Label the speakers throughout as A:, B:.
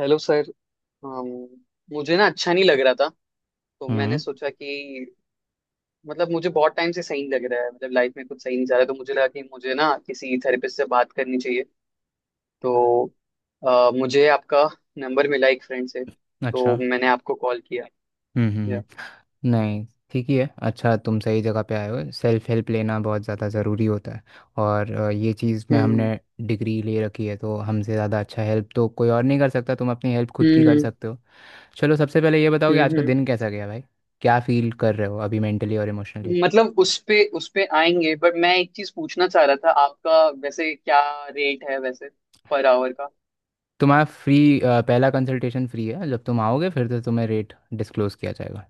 A: Hello sir. अम, मुझे ना अच्छा नहीं लग रहा था, तो मैंने
B: हम्म।
A: सोचा कि मतलब मुझे बहुत टाइम से सही नहीं लग रहा है, मतलब लाइफ में कुछ सही नहीं जा रहा है, तो मुझे लगा कि मुझे ना किसी थेरेपिस्ट से बात करनी चाहिए। तो मुझे आपका नंबर मिला एक फ्रेंड से,
B: अच्छा।
A: तो मैंने आपको कॉल किया।
B: हम्म हम्म
A: या।
B: हम्म। नहीं, ठीक ही है। अच्छा, तुम सही जगह पे आए हो। सेल्फ हेल्प लेना बहुत ज़्यादा ज़रूरी होता है और ये चीज़ में हमने
A: हम्म
B: डिग्री ले रखी है, तो हमसे ज़्यादा अच्छा हेल्प तो कोई और नहीं कर सकता। तुम अपनी हेल्प खुद की कर
A: हम्म
B: सकते हो। चलो, सबसे पहले ये बताओ कि आज
A: हम्म
B: का
A: हम्म।
B: दिन कैसा गया भाई। क्या फील कर रहे हो अभी मेंटली और इमोशनली।
A: मतलब उस पे आएंगे, बट मैं एक चीज पूछना चाह रहा था। आपका वैसे क्या रेट है, वैसे पर आवर का?
B: तुम्हारा फ्री पहला कंसल्टेशन फ्री है। जब तुम आओगे फिर तो तुम्हें रेट डिस्क्लोज़ किया जाएगा।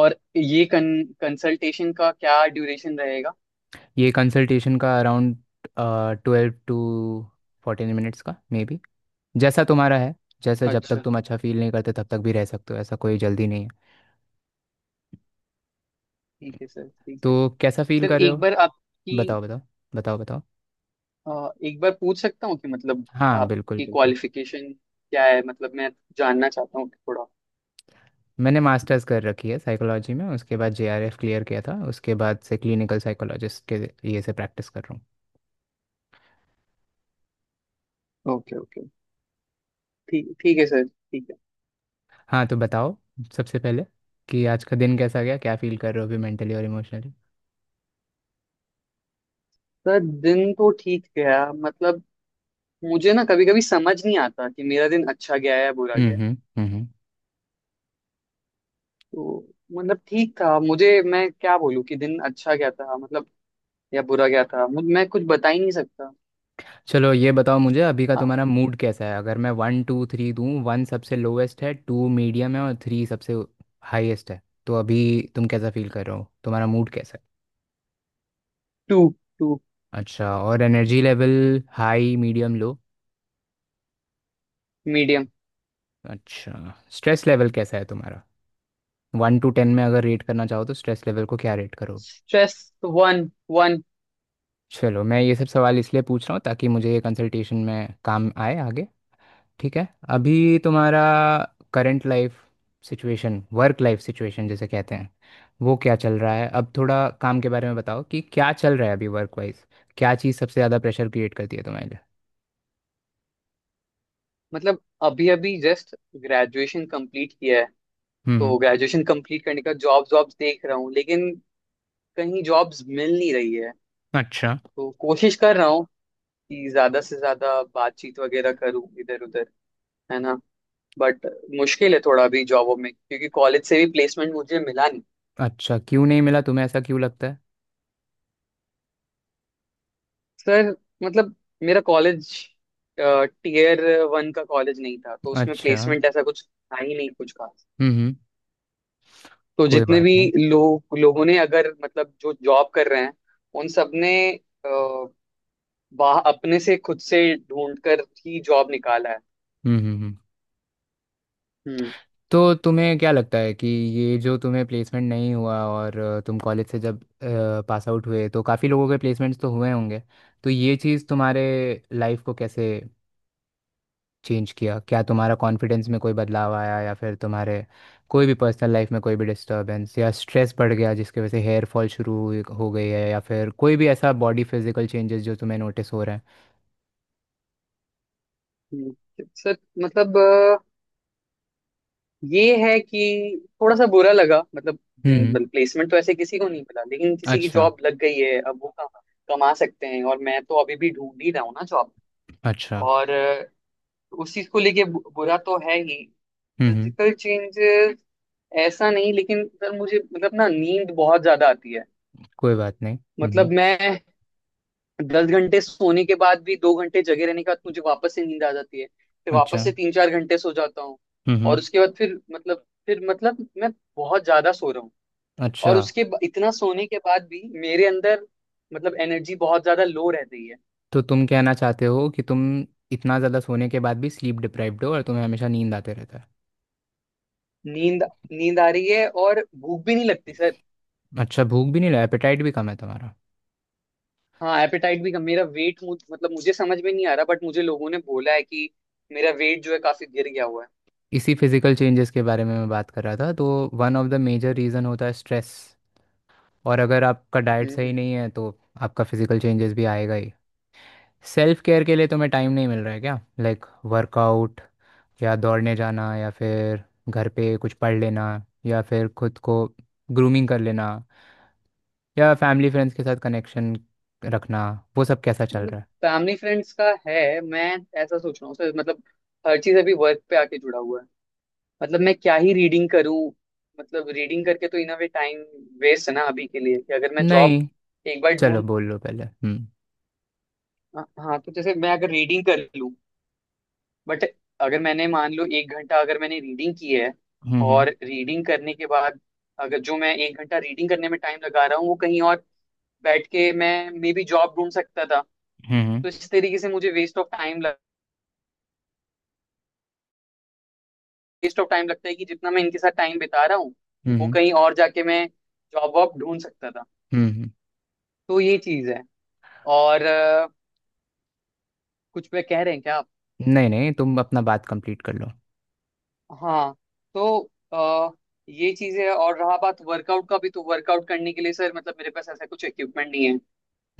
A: और ये कंसल्टेशन का क्या ड्यूरेशन रहेगा?
B: ये कंसल्टेशन का अराउंड 12 टू 14 मिनट्स का मे बी। जैसा तुम्हारा है, जैसे जब तक
A: अच्छा।
B: तुम अच्छा फील नहीं करते तब तक भी रह सकते हो, ऐसा कोई जल्दी नहीं है।
A: ठीक है सर ठीक है।
B: तो कैसा फील
A: सर
B: कर रहे हो।
A: एक बार आपकी,
B: बताओ बताओ। बताओ बताओ।
A: एक बार पूछ सकता हूँ कि मतलब
B: हाँ, बिल्कुल
A: आपकी
B: बिल्कुल।
A: क्वालिफिकेशन क्या है, मतलब मैं जानना चाहता हूँ थोड़ा।
B: मैंने मास्टर्स कर रखी है साइकोलॉजी में, उसके बाद जेआरएफ क्लियर किया था, उसके बाद से क्लिनिकल साइकोलॉजिस्ट के ये से प्रैक्टिस कर रहा हूँ।
A: Okay okay. ठीक ठीक है सर ठीक है।
B: हाँ, तो बताओ, सबसे पहले कि आज का दिन कैसा गया, क्या फील कर रहे हो अभी मेंटली और इमोशनली।
A: सर दिन तो ठीक गया। मतलब मुझे ना कभी कभी समझ नहीं आता कि मेरा दिन अच्छा गया है या बुरा
B: हम्म
A: गया है।
B: हम्म हम्म, हम्म।
A: तो मतलब ठीक था। मुझे मैं क्या बोलूँ कि दिन अच्छा गया था मतलब, या बुरा गया था, मैं कुछ बता ही नहीं सकता।
B: चलो ये बताओ मुझे, अभी का
A: हाँ।
B: तुम्हारा मूड कैसा है। अगर मैं वन टू थ्री दूँ, वन सबसे लोवेस्ट है, टू मीडियम है और थ्री सबसे हाईएस्ट है, तो अभी तुम कैसा फील कर रहे हो, तुम्हारा मूड कैसा है।
A: 2। 2।
B: अच्छा। और energy level high medium low.
A: Medium.
B: अच्छा। स्ट्रेस लेवल कैसा है तुम्हारा, 1 टू 10 में अगर रेट करना चाहो तो स्ट्रेस लेवल को क्या रेट करो।
A: स्ट्रेस 1।
B: चलो, मैं ये सब सवाल इसलिए पूछ रहा हूँ ताकि मुझे ये कंसल्टेशन में काम आए आगे। ठीक है। अभी तुम्हारा current life situation, work life situation जिसे कहते हैं, वो क्या चल रहा है। अब थोड़ा काम के बारे में बताओ कि क्या चल रहा है अभी वर्क वाइज। क्या चीज़ सबसे ज़्यादा प्रेशर क्रिएट करती है तुम्हारे लिए।
A: मतलब अभी अभी जस्ट ग्रेजुएशन कंप्लीट किया है।
B: हम्म।
A: तो ग्रेजुएशन कंप्लीट करने का जॉब्स देख रहा हूँ, लेकिन कहीं जॉब्स मिल नहीं रही है।
B: अच्छा।
A: तो कोशिश कर रहा हूँ कि ज्यादा से ज्यादा बातचीत वगैरह करूँ, इधर उधर, है ना। बट मुश्किल है थोड़ा अभी जॉबों में, क्योंकि कॉलेज से भी प्लेसमेंट मुझे मिला नहीं।
B: अच्छा, क्यों नहीं मिला, तुम्हें ऐसा क्यों लगता है।
A: सर मतलब मेरा कॉलेज टीयर वन का कॉलेज नहीं था, तो उसमें
B: अच्छा।
A: प्लेसमेंट ऐसा कुछ था ही नहीं, कुछ खास।
B: हम्म।
A: तो
B: कोई
A: जितने
B: बात
A: भी
B: नहीं।
A: लोगों ने, अगर मतलब, जो जॉब कर रहे हैं, उन सब ने अ, अपने से खुद से ढूंढ कर ही जॉब निकाला है।
B: हम्म।
A: हम्म
B: तो तुम्हें क्या लगता है कि ये जो तुम्हें प्लेसमेंट नहीं हुआ और तुम कॉलेज से जब पास आउट हुए तो काफ़ी लोगों के प्लेसमेंट्स तो हुए होंगे, तो ये चीज़ तुम्हारे लाइफ को कैसे चेंज किया। क्या तुम्हारा कॉन्फिडेंस में कोई बदलाव आया, या फिर तुम्हारे कोई भी पर्सनल लाइफ में कोई भी डिस्टर्बेंस या स्ट्रेस बढ़ गया जिसकी वजह से हेयर फॉल हो गई है, या फिर कोई भी ऐसा बॉडी फिजिकल चेंजेस जो तुम्हें नोटिस हो रहे हैं।
A: हम्म। सर मतलब, ये है कि थोड़ा सा बुरा लगा मतलब,
B: हम्म हम्म,
A: जिन प्लेसमेंट तो ऐसे किसी को नहीं मिला, लेकिन किसी की
B: अच्छा।
A: जॉब लग गई है, अब वो कमा कमा सकते हैं, और मैं तो अभी भी ढूंढ ही रहा हूँ ना जॉब।
B: अच्छा।
A: और उस चीज को लेके बुरा तो है ही।
B: हम्म हम्म,
A: फिजिकल चेंजेस ऐसा नहीं, लेकिन सर मुझे मतलब ना नींद बहुत ज्यादा आती है।
B: कोई बात नहीं।
A: मतलब मैं 10 घंटे सोने के बाद भी, 2 घंटे जगे रहने के बाद मुझे वापस से नींद आ जाती है, फिर
B: अच्छा।
A: वापस से 3-4 घंटे सो जाता हूँ।
B: हम्म हम्म,
A: और उसके बाद फिर मतलब मैं बहुत ज्यादा सो रहा हूँ।
B: अच्छा।
A: और इतना सोने के बाद भी मेरे अंदर मतलब एनर्जी बहुत ज्यादा लो रह रही है।
B: तो तुम कहना चाहते हो कि तुम इतना ज़्यादा सोने के बाद भी स्लीप डिप्राइव्ड हो और तुम्हें हमेशा नींद आते रहता है।
A: नींद नींद आ रही है और भूख भी नहीं लगती सर।
B: अच्छा, भूख भी नहीं लगा, एपेटाइट भी कम है तुम्हारा।
A: हाँ, एपेटाइट भी कम। मेरा वेट मतलब मुझे समझ में नहीं आ रहा, बट मुझे लोगों ने बोला है कि मेरा वेट जो है काफी गिर गया हुआ है।
B: इसी फिजिकल चेंजेस के बारे में मैं बात कर रहा था। तो one of the major reason होता है स्ट्रेस, और अगर आपका डाइट
A: हम्म
B: सही
A: हम्म।
B: नहीं है तो आपका फिजिकल चेंजेस भी आएगा ही। सेल्फ केयर के लिए तुम्हें टाइम नहीं मिल रहा है क्या, लाइक वर्कआउट या दौड़ने जाना या फिर घर पे कुछ पढ़ लेना या फिर खुद को ग्रूमिंग कर लेना या फैमिली फ्रेंड्स के साथ कनेक्शन रखना, वो सब कैसा चल
A: मतलब
B: रहा
A: फैमिली फ्रेंड्स का है, मैं ऐसा सोच रहा हूँ सर, मतलब हर चीज अभी वर्क पे आके जुड़ा हुआ है। मतलब मैं क्या ही रीडिंग करूँ, मतलब रीडिंग करके तो in a way time waste है ना अभी के लिए, कि अगर
B: है
A: मैं जॉब
B: नहीं।
A: एक बार ढूंढ
B: चलो
A: लूँ।
B: बोल लो पहले।
A: हाँ हाँ, तो जैसे मैं अगर रीडिंग कर लूँ, बट अगर मैंने मान लो 1 घंटा अगर मैंने रीडिंग की है,
B: हम्म हम्म
A: और रीडिंग करने के बाद, अगर जो मैं 1 घंटा रीडिंग करने में टाइम लगा रहा हूँ, वो कहीं और बैठ के मैं मे बी जॉब ढूंढ सकता था।
B: हम्म
A: तो इस तरीके से मुझे वेस्ट ऑफ टाइम लगता है कि जितना मैं इनके साथ टाइम बिता रहा हूँ, वो
B: हम्म
A: कहीं और जाके मैं जॉब वॉब ढूंढ सकता था।
B: हम्म।
A: तो ये चीज है और कुछ पे कह रहे हैं क्या आप?
B: नहीं नहीं, तुम अपना बात कंप्लीट कर लो।
A: हाँ। तो अ, ये चीज है। और रहा बात वर्कआउट का, भी तो वर्कआउट करने के लिए सर मतलब मेरे पास ऐसा कुछ इक्विपमेंट नहीं है।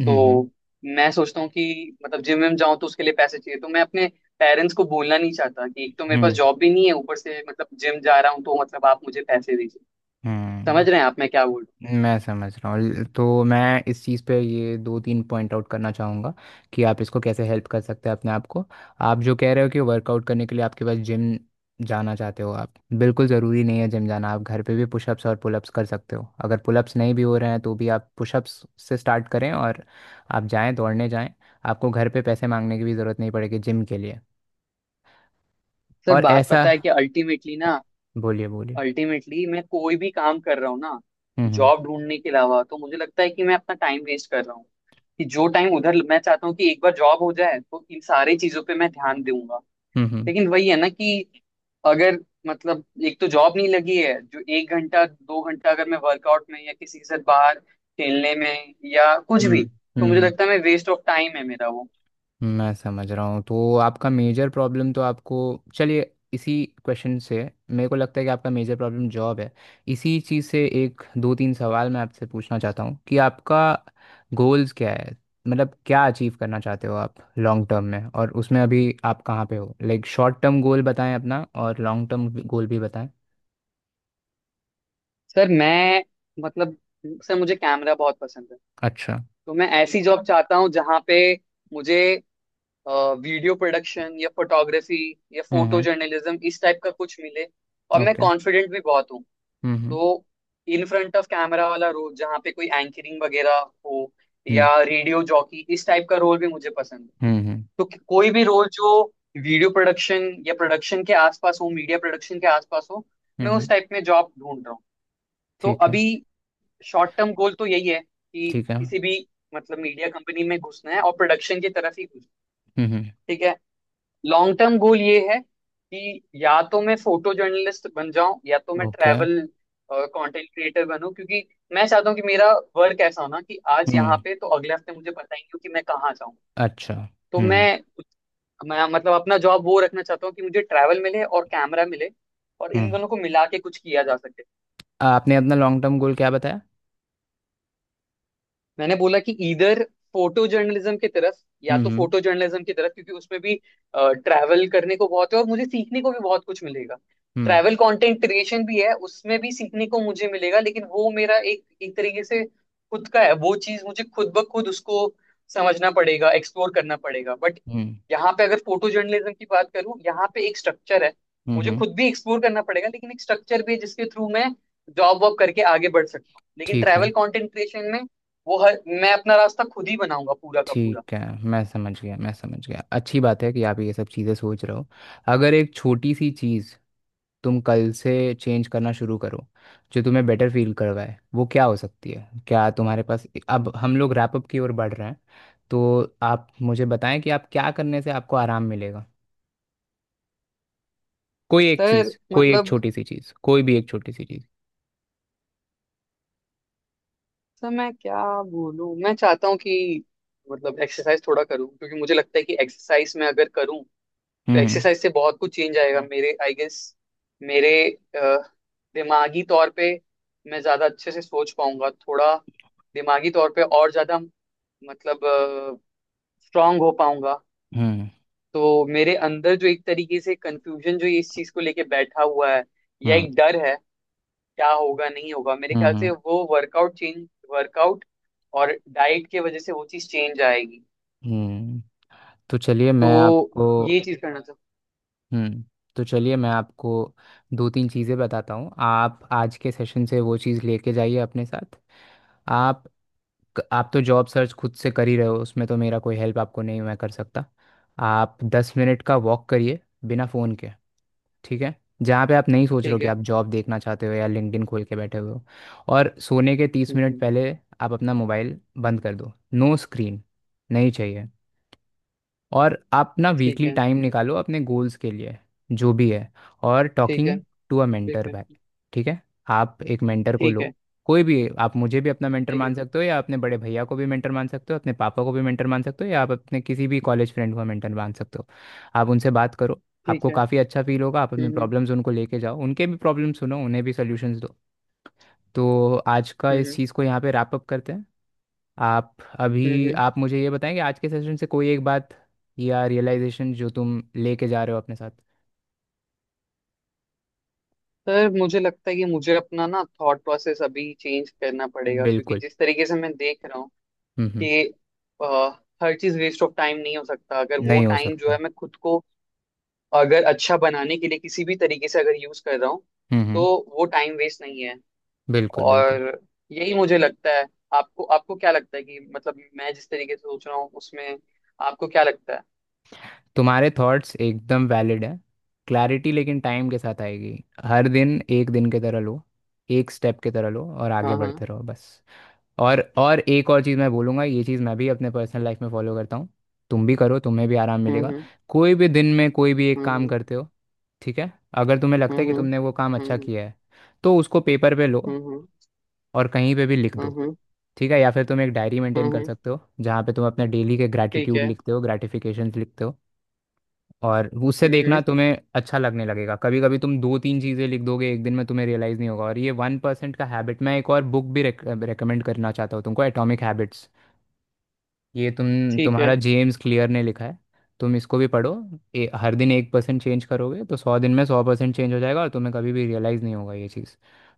B: हम्म हम्म
A: तो मैं सोचता हूँ कि मतलब जिम में जाऊं, तो उसके लिए पैसे चाहिए, तो मैं अपने पेरेंट्स को बोलना नहीं चाहता कि एक तो मेरे पास
B: हम्म
A: जॉब भी नहीं है, ऊपर से मतलब जिम जा रहा हूँ, तो मतलब आप मुझे पैसे दीजिए।
B: हम्म।
A: समझ रहे हैं आप मैं क्या बोल रहा
B: मैं समझ रहा हूँ। तो मैं इस चीज़ पे ये दो तीन पॉइंट आउट करना चाहूँगा कि आप इसको कैसे हेल्प कर सकते हैं अपने आप को। आप जो कह रहे हो कि वर्कआउट करने के लिए आपके पास जिम जाना चाहते हो आप, बिल्कुल ज़रूरी नहीं है जिम जाना। आप घर पे भी पुशअप्स और पुलअप्स कर सकते हो। अगर पुलअप्स नहीं भी हो रहे हैं तो भी आप पुशअप्स से स्टार्ट करें और आप जाएं, दौड़ने जाएं। आपको घर पे पैसे मांगने की भी ज़रूरत नहीं पड़ेगी जिम के लिए।
A: हूँ? सर
B: और
A: बात
B: ऐसा
A: पता है कि अल्टीमेटली ना,
B: बोलिए बोलिए।
A: अल्टीमेटली मैं कोई भी काम कर रहा हूँ ना,
B: हम्म
A: जॉब ढूंढने के अलावा, तो मुझे लगता है कि मैं अपना टाइम वेस्ट कर रहा हूँ। कि जो टाइम उधर मैं चाहता हूँ कि एक बार जॉब हो जाए, तो इन सारी चीजों पे मैं ध्यान दूंगा।
B: हम्म हम्म
A: लेकिन वही है ना कि अगर मतलब एक तो जॉब नहीं लगी है, जो 1 घंटा 2 घंटा अगर मैं वर्कआउट में या किसी के साथ बाहर खेलने में या कुछ
B: हम्म
A: भी, तो मुझे
B: हम्म।
A: लगता है मैं वेस्ट ऑफ टाइम है मेरा वो।
B: मैं समझ रहा हूँ। तो आपका मेजर प्रॉब्लम तो आपको, चलिए इसी क्वेश्चन से। मेरे को लगता है कि आपका मेजर प्रॉब्लम जॉब है। इसी चीज़ से एक दो तीन सवाल मैं आपसे पूछना चाहता हूँ कि आपका गोल्स क्या है, मतलब क्या अचीव करना चाहते हो आप लॉन्ग टर्म में, और उसमें अभी आप कहाँ पे हो। लाइक शॉर्ट टर्म गोल बताएं अपना और लॉन्ग टर्म गोल भी बताएं।
A: सर मैं मतलब सर मुझे कैमरा बहुत पसंद है।
B: अच्छा।
A: तो मैं ऐसी जॉब चाहता हूँ जहाँ पे मुझे वीडियो प्रोडक्शन या फोटोग्राफी या फोटो
B: हम्म।
A: जर्नलिज्म इस टाइप का कुछ मिले। और मैं
B: ओके।
A: कॉन्फिडेंट भी बहुत हूँ।
B: हम्म।
A: तो इन फ्रंट ऑफ कैमरा वाला रोल जहाँ पे कोई एंकरिंग वगैरह हो, या
B: हम्म
A: रेडियो जॉकी इस टाइप का रोल भी मुझे पसंद है।
B: हम्म।
A: तो कोई भी रोल जो वीडियो प्रोडक्शन या प्रोडक्शन के आसपास हो, मीडिया प्रोडक्शन के आसपास हो,
B: हम्म,
A: मैं उस
B: हम्म,
A: टाइप में जॉब ढूंढ रहा हूँ। तो
B: ठीक है।
A: अभी शॉर्ट टर्म गोल तो यही है कि
B: ठीक है।
A: किसी भी, मतलब मीडिया कंपनी में घुसना है, और प्रोडक्शन की तरफ ही घुसना
B: हम्म।
A: है। ठीक है। लॉन्ग टर्म गोल ये है कि या तो मैं फोटो जर्नलिस्ट बन जाऊं, या तो मैं
B: ओके।
A: ट्रैवल कंटेंट क्रिएटर बनूं, क्योंकि मैं चाहता हूं कि मेरा वर्क ऐसा हो ना कि आज
B: हम्म।
A: यहाँ पे, तो अगले हफ्ते मुझे पता ही नहीं हो कि मैं कहाँ जाऊं।
B: अच्छा।
A: तो मैं मतलब अपना जॉब वो रखना चाहता हूँ कि मुझे ट्रैवल मिले और कैमरा मिले, और इन
B: हम्म।
A: दोनों को मिला के कुछ किया जा सके।
B: आपने अपना लॉन्ग टर्म गोल क्या बताया।
A: मैंने बोला कि इधर फोटो जर्नलिज्म की तरफ, या तो
B: हम्म
A: फोटो जर्नलिज्म की तरफ क्योंकि उसमें भी ट्रैवल करने को बहुत है और मुझे सीखने को भी बहुत कुछ मिलेगा।
B: हम्म
A: ट्रैवल कंटेंट क्रिएशन भी है, उसमें भी सीखने को मुझे मिलेगा, लेकिन वो मेरा एक एक तरीके से खुद का है, वो चीज मुझे खुद ब खुद उसको समझना पड़ेगा, एक्सप्लोर करना पड़ेगा। बट
B: हम्म
A: यहाँ पे अगर फोटो जर्नलिज्म की बात करूँ, यहाँ पे एक स्ट्रक्चर है।
B: हम्म
A: मुझे
B: हम्म,
A: खुद भी एक्सप्लोर करना पड़ेगा, लेकिन एक स्ट्रक्चर भी है जिसके थ्रू मैं जॉब वॉब करके आगे बढ़ सकता हूँ, लेकिन
B: ठीक
A: ट्रैवल
B: है।
A: कंटेंट क्रिएशन में वो हर मैं अपना रास्ता खुद ही बनाऊंगा, पूरा का पूरा।
B: ठीक है। मैं समझ गया, मैं समझ गया। अच्छी बात है कि आप ये सब चीज़ें सोच रहे हो। अगर एक छोटी सी चीज़ तुम कल से चेंज करना शुरू करो जो तुम्हें बेटर फील करवाए, वो क्या हो सकती है, क्या तुम्हारे पास। अब हम लोग रैप अप की ओर बढ़ रहे हैं, तो आप मुझे बताएं कि आप क्या करने से आपको आराम मिलेगा। कोई एक
A: सर
B: चीज़, कोई एक
A: मतलब
B: छोटी सी चीज़, कोई भी एक छोटी सी चीज़।
A: सर मैं क्या बोलूं। मैं चाहता हूँ कि मतलब एक्सरसाइज थोड़ा करूं, क्योंकि मुझे लगता है कि एक्सरसाइज में अगर करूं तो
B: हम्म
A: एक्सरसाइज से बहुत कुछ चेंज आएगा मेरे, आई गेस। मेरे अ, दिमागी तौर पे मैं ज्यादा अच्छे से सोच पाऊंगा, थोड़ा दिमागी तौर पे और ज्यादा मतलब स्ट्रांग हो पाऊंगा।
B: हम्म
A: तो मेरे अंदर जो एक तरीके से कंफ्यूजन जो इस चीज को लेके बैठा हुआ है, या
B: हम्म
A: एक डर है क्या होगा नहीं होगा, मेरे ख्याल से
B: हम्म
A: वो वर्कआउट और डाइट के वजह से वो चीज चेंज आएगी।
B: हम्म। तो चलिए मैं
A: तो
B: आपको,
A: ये चीज करना था।
B: हम्म, तो चलिए मैं आपको दो तीन चीज़ें बताता हूँ। आप आज के सेशन से वो चीज़ लेके जाइए अपने साथ। आप आप तो जॉब सर्च खुद से कर ही रहे हो, उसमें तो मेरा कोई हेल्प आपको नहीं मैं कर सकता। आप 10 मिनट का वॉक करिए बिना फ़ोन के। ठीक है। जहाँ पे आप नहीं सोच रहे हो
A: ठीक
B: कि
A: है।
B: आप जॉब देखना चाहते हो या लिंक्डइन खोल के बैठे हुए हो। और सोने के तीस
A: हम्म
B: मिनट
A: हम्म,
B: पहले आप अपना मोबाइल बंद कर दो, नो स्क्रीन नहीं चाहिए। और आप ना
A: ठीक
B: वीकली
A: है।
B: टाइम निकालो अपने गोल्स के लिए, जो भी है। और
A: ठीक है।
B: टॉकिंग टू अ
A: ठीक
B: मेंटर
A: है।
B: बाय, ठीक है, आप एक मेंटर को
A: ठीक
B: लो।
A: है।
B: कोई भी, आप मुझे भी अपना मेंटर
A: ठीक है।
B: मान सकते हो, या अपने बड़े भैया को भी मेंटर मान सकते हो, अपने पापा को भी मेंटर मान सकते हो, या आप अपने किसी भी कॉलेज फ्रेंड को मेंटर मान सकते हो। आप उनसे बात करो,
A: ठीक
B: आपको
A: है।
B: काफ़ी अच्छा फील होगा। आप अपने
A: हम्म हम्म
B: प्रॉब्लम्स उनको लेके जाओ, उनके भी प्रॉब्लम सुनो, उन्हें भी सोल्यूशंस दो। तो आज का इस
A: हम्म
B: चीज़ को यहाँ पे रैप अप करते हैं। आप
A: हम्म
B: अभी
A: हम्म।
B: आप मुझे ये बताएं कि आज के सेशन से कोई एक बात या रियलाइजेशन जो तुम लेके जा रहे हो अपने साथ।
A: सर मुझे लगता है कि मुझे अपना ना थॉट प्रोसेस अभी चेंज करना पड़ेगा, क्योंकि
B: बिल्कुल।
A: जिस तरीके से मैं देख रहा हूँ
B: हम्म।
A: कि अ, हर चीज वेस्ट ऑफ टाइम नहीं हो सकता, अगर वो
B: नहीं हो
A: टाइम जो
B: सकता।
A: है, मैं खुद को अगर अच्छा बनाने के लिए किसी भी तरीके से अगर यूज कर रहा हूँ, तो
B: हम्म।
A: वो टाइम वेस्ट नहीं है।
B: बिल्कुल बिल्कुल।
A: और यही मुझे लगता है। आपको, आपको क्या लगता है कि मतलब मैं जिस तरीके से सोच रहा हूँ उसमें, आपको क्या लगता है?
B: तुम्हारे थॉट्स एकदम वैलिड हैं। क्लैरिटी लेकिन टाइम के साथ आएगी। हर दिन एक दिन की तरह लो, एक स्टेप की तरह लो और आगे
A: हाँ हाँ।
B: बढ़ते रहो बस। और एक और चीज़ मैं बोलूँगा, ये चीज़ मैं भी अपने पर्सनल लाइफ में फॉलो करता हूँ, तुम भी करो, तुम्हें भी आराम
A: हम्म
B: मिलेगा।
A: हम्म
B: कोई भी दिन में कोई भी एक काम
A: हम्म
B: करते हो, ठीक है, अगर तुम्हें लगता है कि
A: हम्म
B: तुमने वो काम अच्छा
A: हम्म
B: किया है, तो उसको पेपर पे लो
A: हम्म हम्म
B: और कहीं पे भी लिख दो।
A: हम्म
B: ठीक है। या फिर तुम एक डायरी
A: हम्म
B: मेंटेन कर
A: हम्म,
B: सकते हो जहाँ पे तुम अपने डेली के
A: ठीक
B: ग्रैटिट्यूड
A: है।
B: लिखते हो, ग्रैटिफिकेशंस लिखते हो। और उससे
A: हम्म
B: देखना
A: हम्म,
B: तुम्हें अच्छा लगने लगेगा। कभी कभी तुम दो तीन चीज़ें लिख दोगे एक दिन में, तुम्हें रियलाइज़ नहीं होगा। और ये 1% का हैबिट, मैं एक और बुक भी रेकमेंड करना चाहता हूँ तुमको, एटॉमिक हैबिट्स, ये तुम
A: ठीक है।
B: तुम्हारा जेम्स क्लियर ने लिखा है, तुम इसको भी पढ़ो। हर दिन 1% चेंज करोगे तो 100 दिन में 100% चेंज हो जाएगा और तुम्हें कभी भी रियलाइज़ नहीं होगा ये चीज़।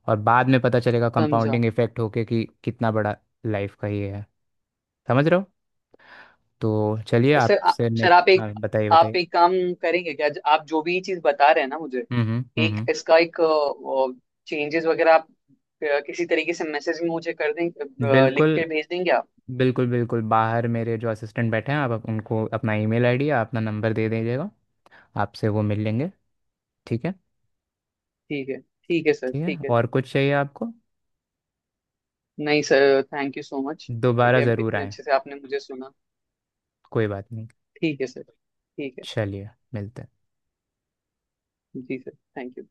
B: और बाद में पता चलेगा
A: समझा।
B: कंपाउंडिंग इफेक्ट होके कि कितना बड़ा लाइफ का ये है, समझ रहे हो। तो चलिए
A: सर
B: आपसे
A: सर
B: नेक्स्ट, हाँ बताइए
A: आप
B: बताइए।
A: एक काम करेंगे क्या? आप जो भी चीज बता रहे हैं ना मुझे,
B: हम्म हम्म
A: एक
B: हम्म,
A: इसका एक चेंजेस वगैरह आप किसी तरीके से मैसेज में मुझे कर दें, लिख
B: बिल्कुल।
A: के भेज देंगे आप?
B: बिल्कुल बिल्कुल। बाहर मेरे जो असिस्टेंट बैठे हैं, आप उनको अपना ईमेल आईडी या अपना नंबर दे दीजिएगा, आपसे वो मिल लेंगे। ठीक है।
A: ठीक है सर
B: ठीक है,
A: ठीक है।
B: और कुछ चाहिए आपको।
A: नहीं sir, thank you so much. ठीक
B: दोबारा
A: है,
B: ज़रूर
A: इतने
B: आए।
A: अच्छे से आपने मुझे सुना।
B: कोई बात नहीं।
A: ठीक है सर। ठीक है।
B: चलिए मिलते हैं।
A: जी सर, थैंक यू।